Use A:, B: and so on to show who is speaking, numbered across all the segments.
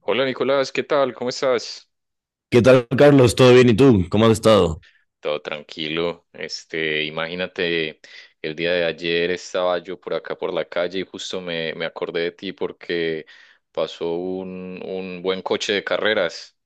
A: Hola Nicolás, ¿qué tal? ¿Cómo estás?
B: ¿Qué tal, Carlos? ¿Todo bien? ¿Y tú? ¿Cómo has estado?
A: Todo tranquilo. Este, imagínate, el día de ayer estaba yo por acá por la calle y justo me acordé de ti porque pasó un buen coche de carreras.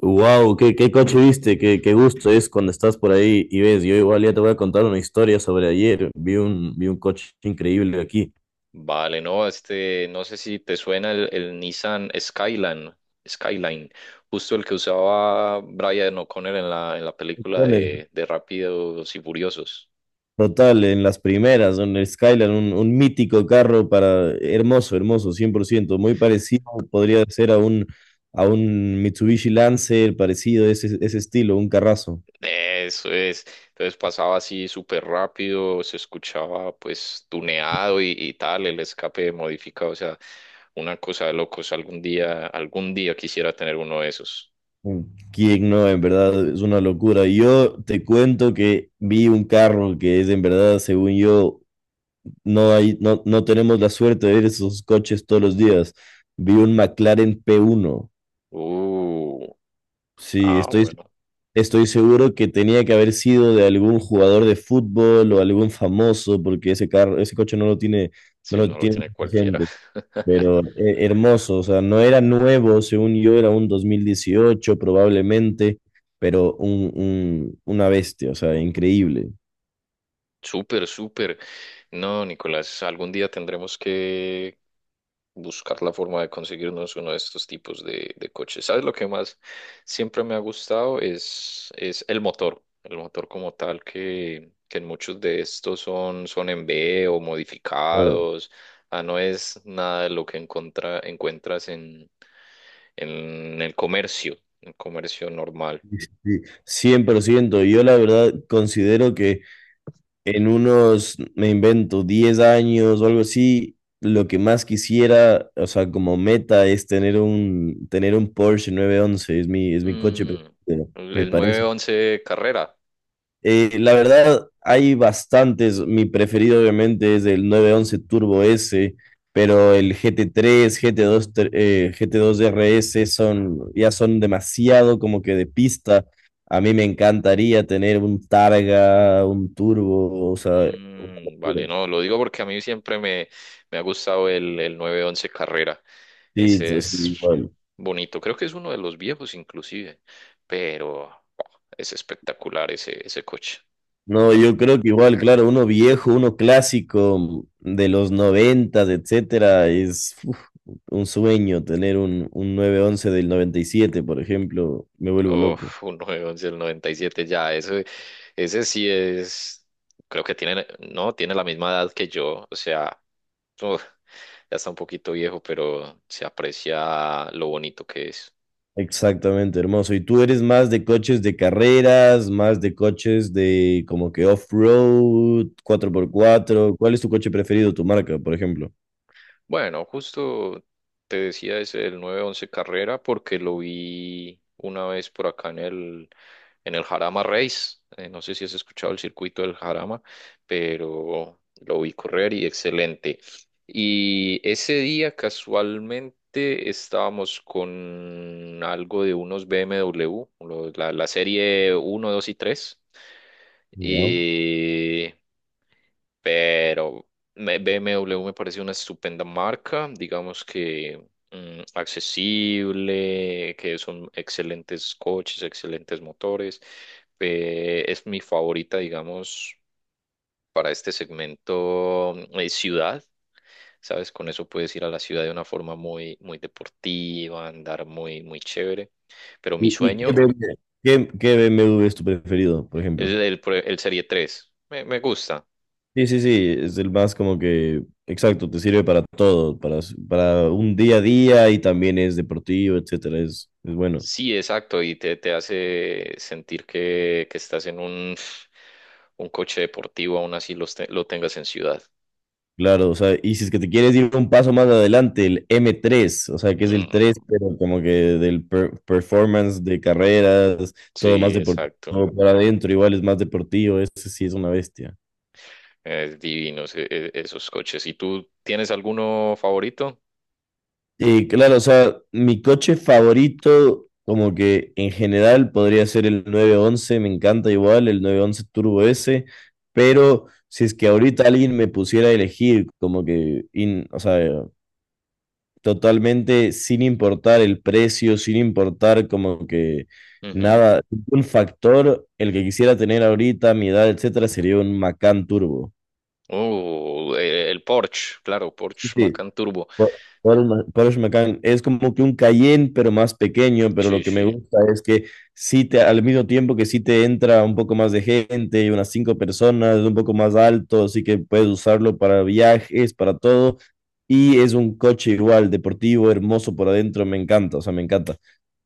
B: Wow, qué coche viste, qué gusto es cuando estás por ahí y ves. Yo igual ya te voy a contar una historia sobre ayer. Vi un coche increíble aquí.
A: Vale, no, este, no sé si te suena el Nissan Skyline, Skyline, justo el que usaba Brian O'Connor en la película de Rápidos y Furiosos.
B: Total, en las primeras, en el Skyline, un mítico carro para hermoso, hermoso, 100%. Muy parecido podría ser a un Mitsubishi Lancer, parecido, ese estilo, un carrazo.
A: Eso es. Entonces pasaba así súper rápido, se escuchaba pues tuneado y tal, el escape modificado, o sea, una cosa de locos. Algún día quisiera tener uno de esos.
B: Quién no, en verdad es una locura. Yo te cuento que vi un carro que es en verdad, según yo, no hay, no, no tenemos la suerte de ver esos coches todos los días. Vi un McLaren P1.
A: Uh,
B: Sí,
A: ah,
B: estoy,
A: bueno,
B: estoy seguro que tenía que haber sido de algún jugador de fútbol o algún famoso, porque ese carro, ese coche no lo tiene, no
A: sí,
B: lo
A: no lo
B: tiene
A: tiene cualquiera.
B: gente. Pero hermoso, o sea, no era nuevo, según yo, era un 2018 probablemente, pero una bestia, o sea, increíble.
A: Súper, súper. No, Nicolás, algún día tendremos que buscar la forma de conseguirnos uno de estos tipos de coches. ¿Sabes lo que más siempre me ha gustado? Es el motor como tal que en muchos de estos son en B o
B: Claro,
A: modificados. Ah, no es nada de lo que encuentras en el comercio, en el comercio normal.
B: sí, 100%. Yo la verdad considero que en unos, me invento, 10 años o algo así, lo que más quisiera, o sea, como meta es tener un Porsche 911. Es mi coche
A: Mm,
B: preferido,
A: el
B: me
A: el nueve
B: parece.
A: once Carrera.
B: La verdad, hay bastantes. Mi preferido, obviamente, es el 911 Turbo S, pero el GT3, GT2 RS son, ya son demasiado como que de pista. A mí me encantaría tener un Targa, un Turbo, o sea, una
A: Mm, vale,
B: locura.
A: no, lo digo porque a mí siempre me ha gustado el 911 Carrera.
B: Sí,
A: Ese
B: eso sí,
A: es
B: igual.
A: bonito, creo que es uno de los viejos inclusive, pero oh, es espectacular ese coche.
B: No, yo creo que igual, claro, uno viejo, uno clásico de los 90, etcétera, es un sueño tener un 911 del 97 por ejemplo, me vuelvo loco.
A: Uf, un 911 del 97 ya, ese sí es, creo que tiene, no, tiene la misma edad que yo, o sea, uf, ya está un poquito viejo, pero se aprecia lo bonito que es.
B: Exactamente, hermoso. ¿Y tú eres más de coches de carreras, más de coches de como que off-road, 4x4? ¿Cuál es tu coche preferido, tu marca, por ejemplo?
A: Bueno, justo te decía es el 911 carrera porque lo vi una vez por acá en el Jarama Race. No sé si has escuchado el circuito del Jarama, pero lo vi correr y excelente. Y ese día casualmente estábamos con algo de unos BMW, la serie 1, 2 y 3
B: Ya.
A: y pero BMW me parece una estupenda marca, digamos que accesible, que son excelentes coches, excelentes motores. Es mi favorita, digamos, para este segmento ciudad. ¿Sabes? Con eso puedes ir a la ciudad de una forma muy, muy deportiva, andar muy, muy chévere. Pero mi
B: Qué
A: sueño
B: BMW? ¿Qué BMW es tu preferido, por
A: es
B: ejemplo?
A: el Serie 3. Me gusta.
B: Sí, es el más como que, exacto, te sirve para todo, para un día a día y también es deportivo, etcétera, es bueno.
A: Sí, exacto, y te hace sentir que estás en un coche deportivo, aún así lo tengas en ciudad.
B: Claro, o sea, y si es que te quieres ir un paso más adelante, el M3, o sea, que es el 3,
A: Mm,
B: pero como que del performance de carreras, todo más
A: sí,
B: deportivo
A: exacto.
B: para adentro, igual es más deportivo, ese sí es una bestia.
A: Es divino esos coches. ¿Y tú tienes alguno favorito?
B: Y claro, o sea, mi coche favorito, como que en general podría ser el 911. Me encanta igual, el 911 Turbo S, pero si es que ahorita alguien me pusiera a elegir, como que, o sea, totalmente sin importar el precio, sin importar como que
A: Ujú.
B: nada, un factor, el que quisiera tener ahorita, mi edad, etcétera, sería un Macan Turbo.
A: El Porsche, claro,
B: Sí,
A: Porsche
B: sí.
A: Macan Turbo.
B: Por, Porsche Macan es como que un Cayenne, pero más pequeño, pero lo
A: Sí,
B: que me
A: sí.
B: gusta es que sí te, al mismo tiempo que sí te entra un poco más de gente, y unas 5 personas, es un poco más alto, así que puedes usarlo para viajes, para todo. Y es un coche igual, deportivo, hermoso por adentro, me encanta, o sea, me encanta.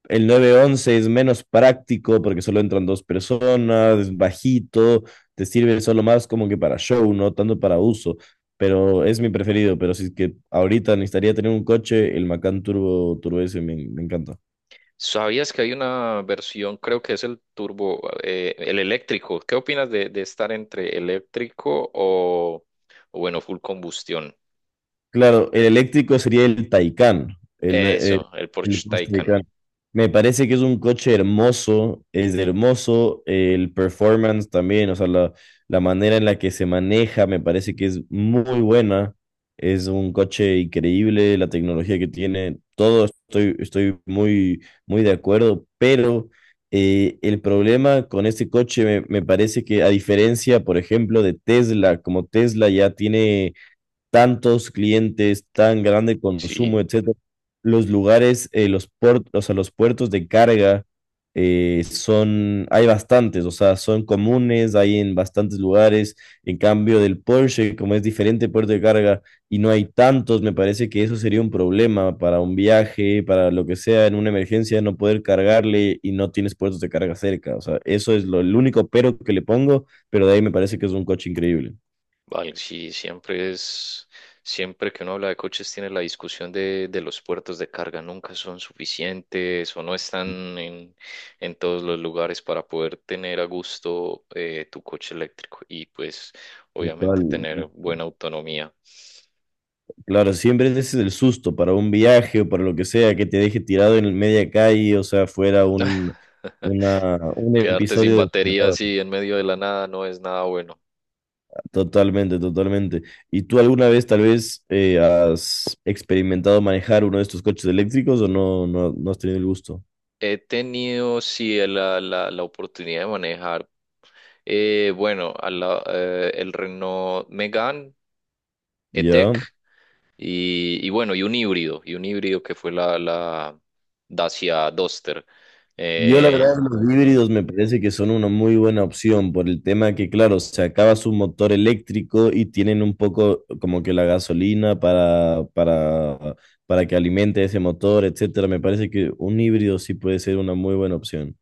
B: El nueve once es menos práctico porque solo entran 2 personas, es bajito, te sirve solo más como que para show, no tanto para uso. Pero es mi preferido. Pero si es que ahorita necesitaría tener un coche, el Macan Turbo, Turbo S me encanta.
A: ¿Sabías que hay una versión, creo que es el turbo, el eléctrico? ¿Qué opinas de estar entre eléctrico o, bueno, full combustión?
B: Claro, el eléctrico sería el Taycan,
A: Eso, el
B: el
A: Porsche
B: Porsche
A: Taycan.
B: Taycan. Me parece que es un coche hermoso, es hermoso, el performance también, o sea, la manera en la que se maneja me parece que es muy buena, es un coche increíble, la tecnología que tiene, todo estoy muy, muy de acuerdo, pero el problema con este coche me parece que a diferencia, por ejemplo, de Tesla, como Tesla ya tiene tantos clientes, tan grande
A: Sí,
B: consumo, etcétera, los lugares, los puertos, o sea, los puertos de carga son, hay bastantes, o sea, son comunes, hay en bastantes lugares. En cambio del Porsche, como es diferente puerto de carga y no hay tantos, me parece que eso sería un problema para un viaje, para lo que sea, en una emergencia, no poder cargarle y no tienes puertos de carga cerca. O sea, eso es lo, el único pero que le pongo, pero de ahí me parece que es un coche increíble.
A: vale, sí, siempre siempre que uno habla de coches tiene la discusión de los puertos de carga, nunca son suficientes o no están en todos los lugares para poder tener a gusto tu coche eléctrico y pues
B: Total,
A: obviamente tener buena autonomía.
B: claro, siempre ese es el susto para un viaje o para lo que sea, que te deje tirado en media calle, o sea, fuera un
A: Quedarte sin
B: episodio de
A: batería
B: terror.
A: así en medio de la nada no es nada bueno.
B: Totalmente, totalmente. ¿Y tú alguna vez tal vez has experimentado manejar uno de estos coches eléctricos o no has tenido el gusto?
A: He tenido, sí, la oportunidad de manejar, bueno, el Renault Megane
B: ¿Ya?
A: E-Tech y bueno, y un híbrido que fue la Dacia Duster.
B: Yo la
A: Eh,
B: verdad los
A: mm.
B: híbridos me parece que son una muy buena opción por el tema que, claro, se acaba su motor eléctrico y tienen un poco como que la gasolina para que alimente ese motor, etcétera. Me parece que un híbrido sí puede ser una muy buena opción.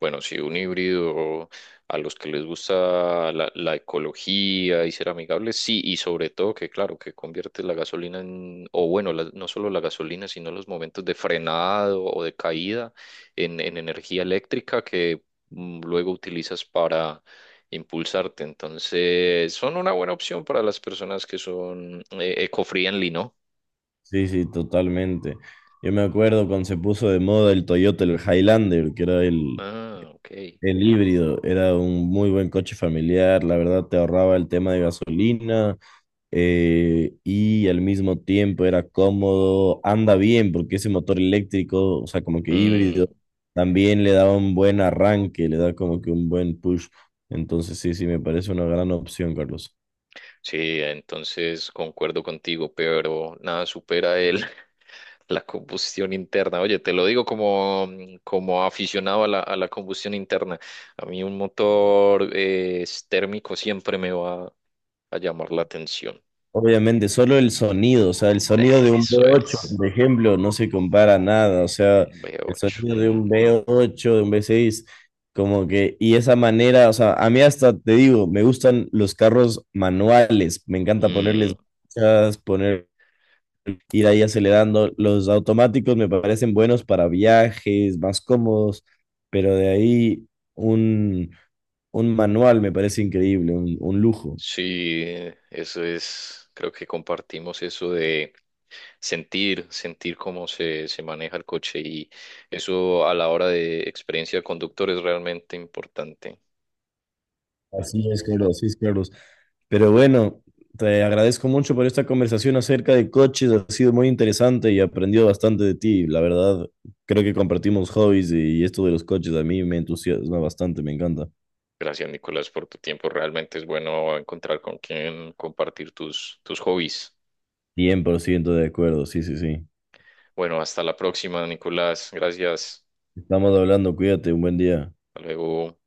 A: Bueno, sí, un híbrido a los que les gusta la ecología y ser amigables, sí, y sobre todo que, claro, que convierte la gasolina en, o bueno, no solo la gasolina, sino los momentos de frenado o de caída en energía eléctrica que luego utilizas para impulsarte. Entonces, son una buena opción para las personas que son eco-friendly, ¿no?
B: Sí, sí, totalmente. Yo me acuerdo cuando se puso de moda el Toyota, el Highlander, que era
A: Ah, ok.
B: el híbrido, era un muy buen coche familiar, la verdad te ahorraba el tema de gasolina y al mismo tiempo era cómodo, anda bien porque ese motor eléctrico, o sea, como que híbrido,
A: Mm,
B: también le da un buen arranque, le da como que un buen push. Entonces sí, sí, me parece una gran opción, Carlos.
A: sí, entonces concuerdo contigo, pero nada supera la combustión interna. Oye, te lo digo como aficionado a la combustión interna. A mí un motor térmico siempre me va a llamar la atención.
B: Obviamente, solo el sonido, o sea, el sonido de un
A: Eso
B: V8,
A: es.
B: por ejemplo, no se compara a nada, o sea,
A: Un v
B: el
A: ocho.
B: sonido de un
A: Mm.
B: V8, de un V6, como que, y esa manera, o sea, a mí hasta te digo, me gustan los carros manuales, me encanta
A: Mm.
B: ponerles marchas, poner, ir ahí acelerando, los automáticos me parecen buenos para viajes, más cómodos, pero de ahí un, un manual me parece increíble, un lujo.
A: Sí, eso es, creo que compartimos eso de sentir, sentir cómo se maneja el coche y eso a la hora de experiencia de conductor es realmente importante.
B: Así es, Carlos, así es, Carlos. Pero bueno, te agradezco mucho por esta conversación acerca de coches. Ha sido muy interesante y aprendido bastante de ti. La verdad, creo que compartimos hobbies y esto de los coches a mí me entusiasma bastante, me encanta.
A: Gracias, Nicolás, por tu tiempo. Realmente es bueno encontrar con quien compartir tus hobbies.
B: 100% de acuerdo, sí, sí, sí.
A: Bueno, hasta la próxima, Nicolás. Gracias.
B: Estamos hablando, cuídate, un buen día.
A: Hasta luego.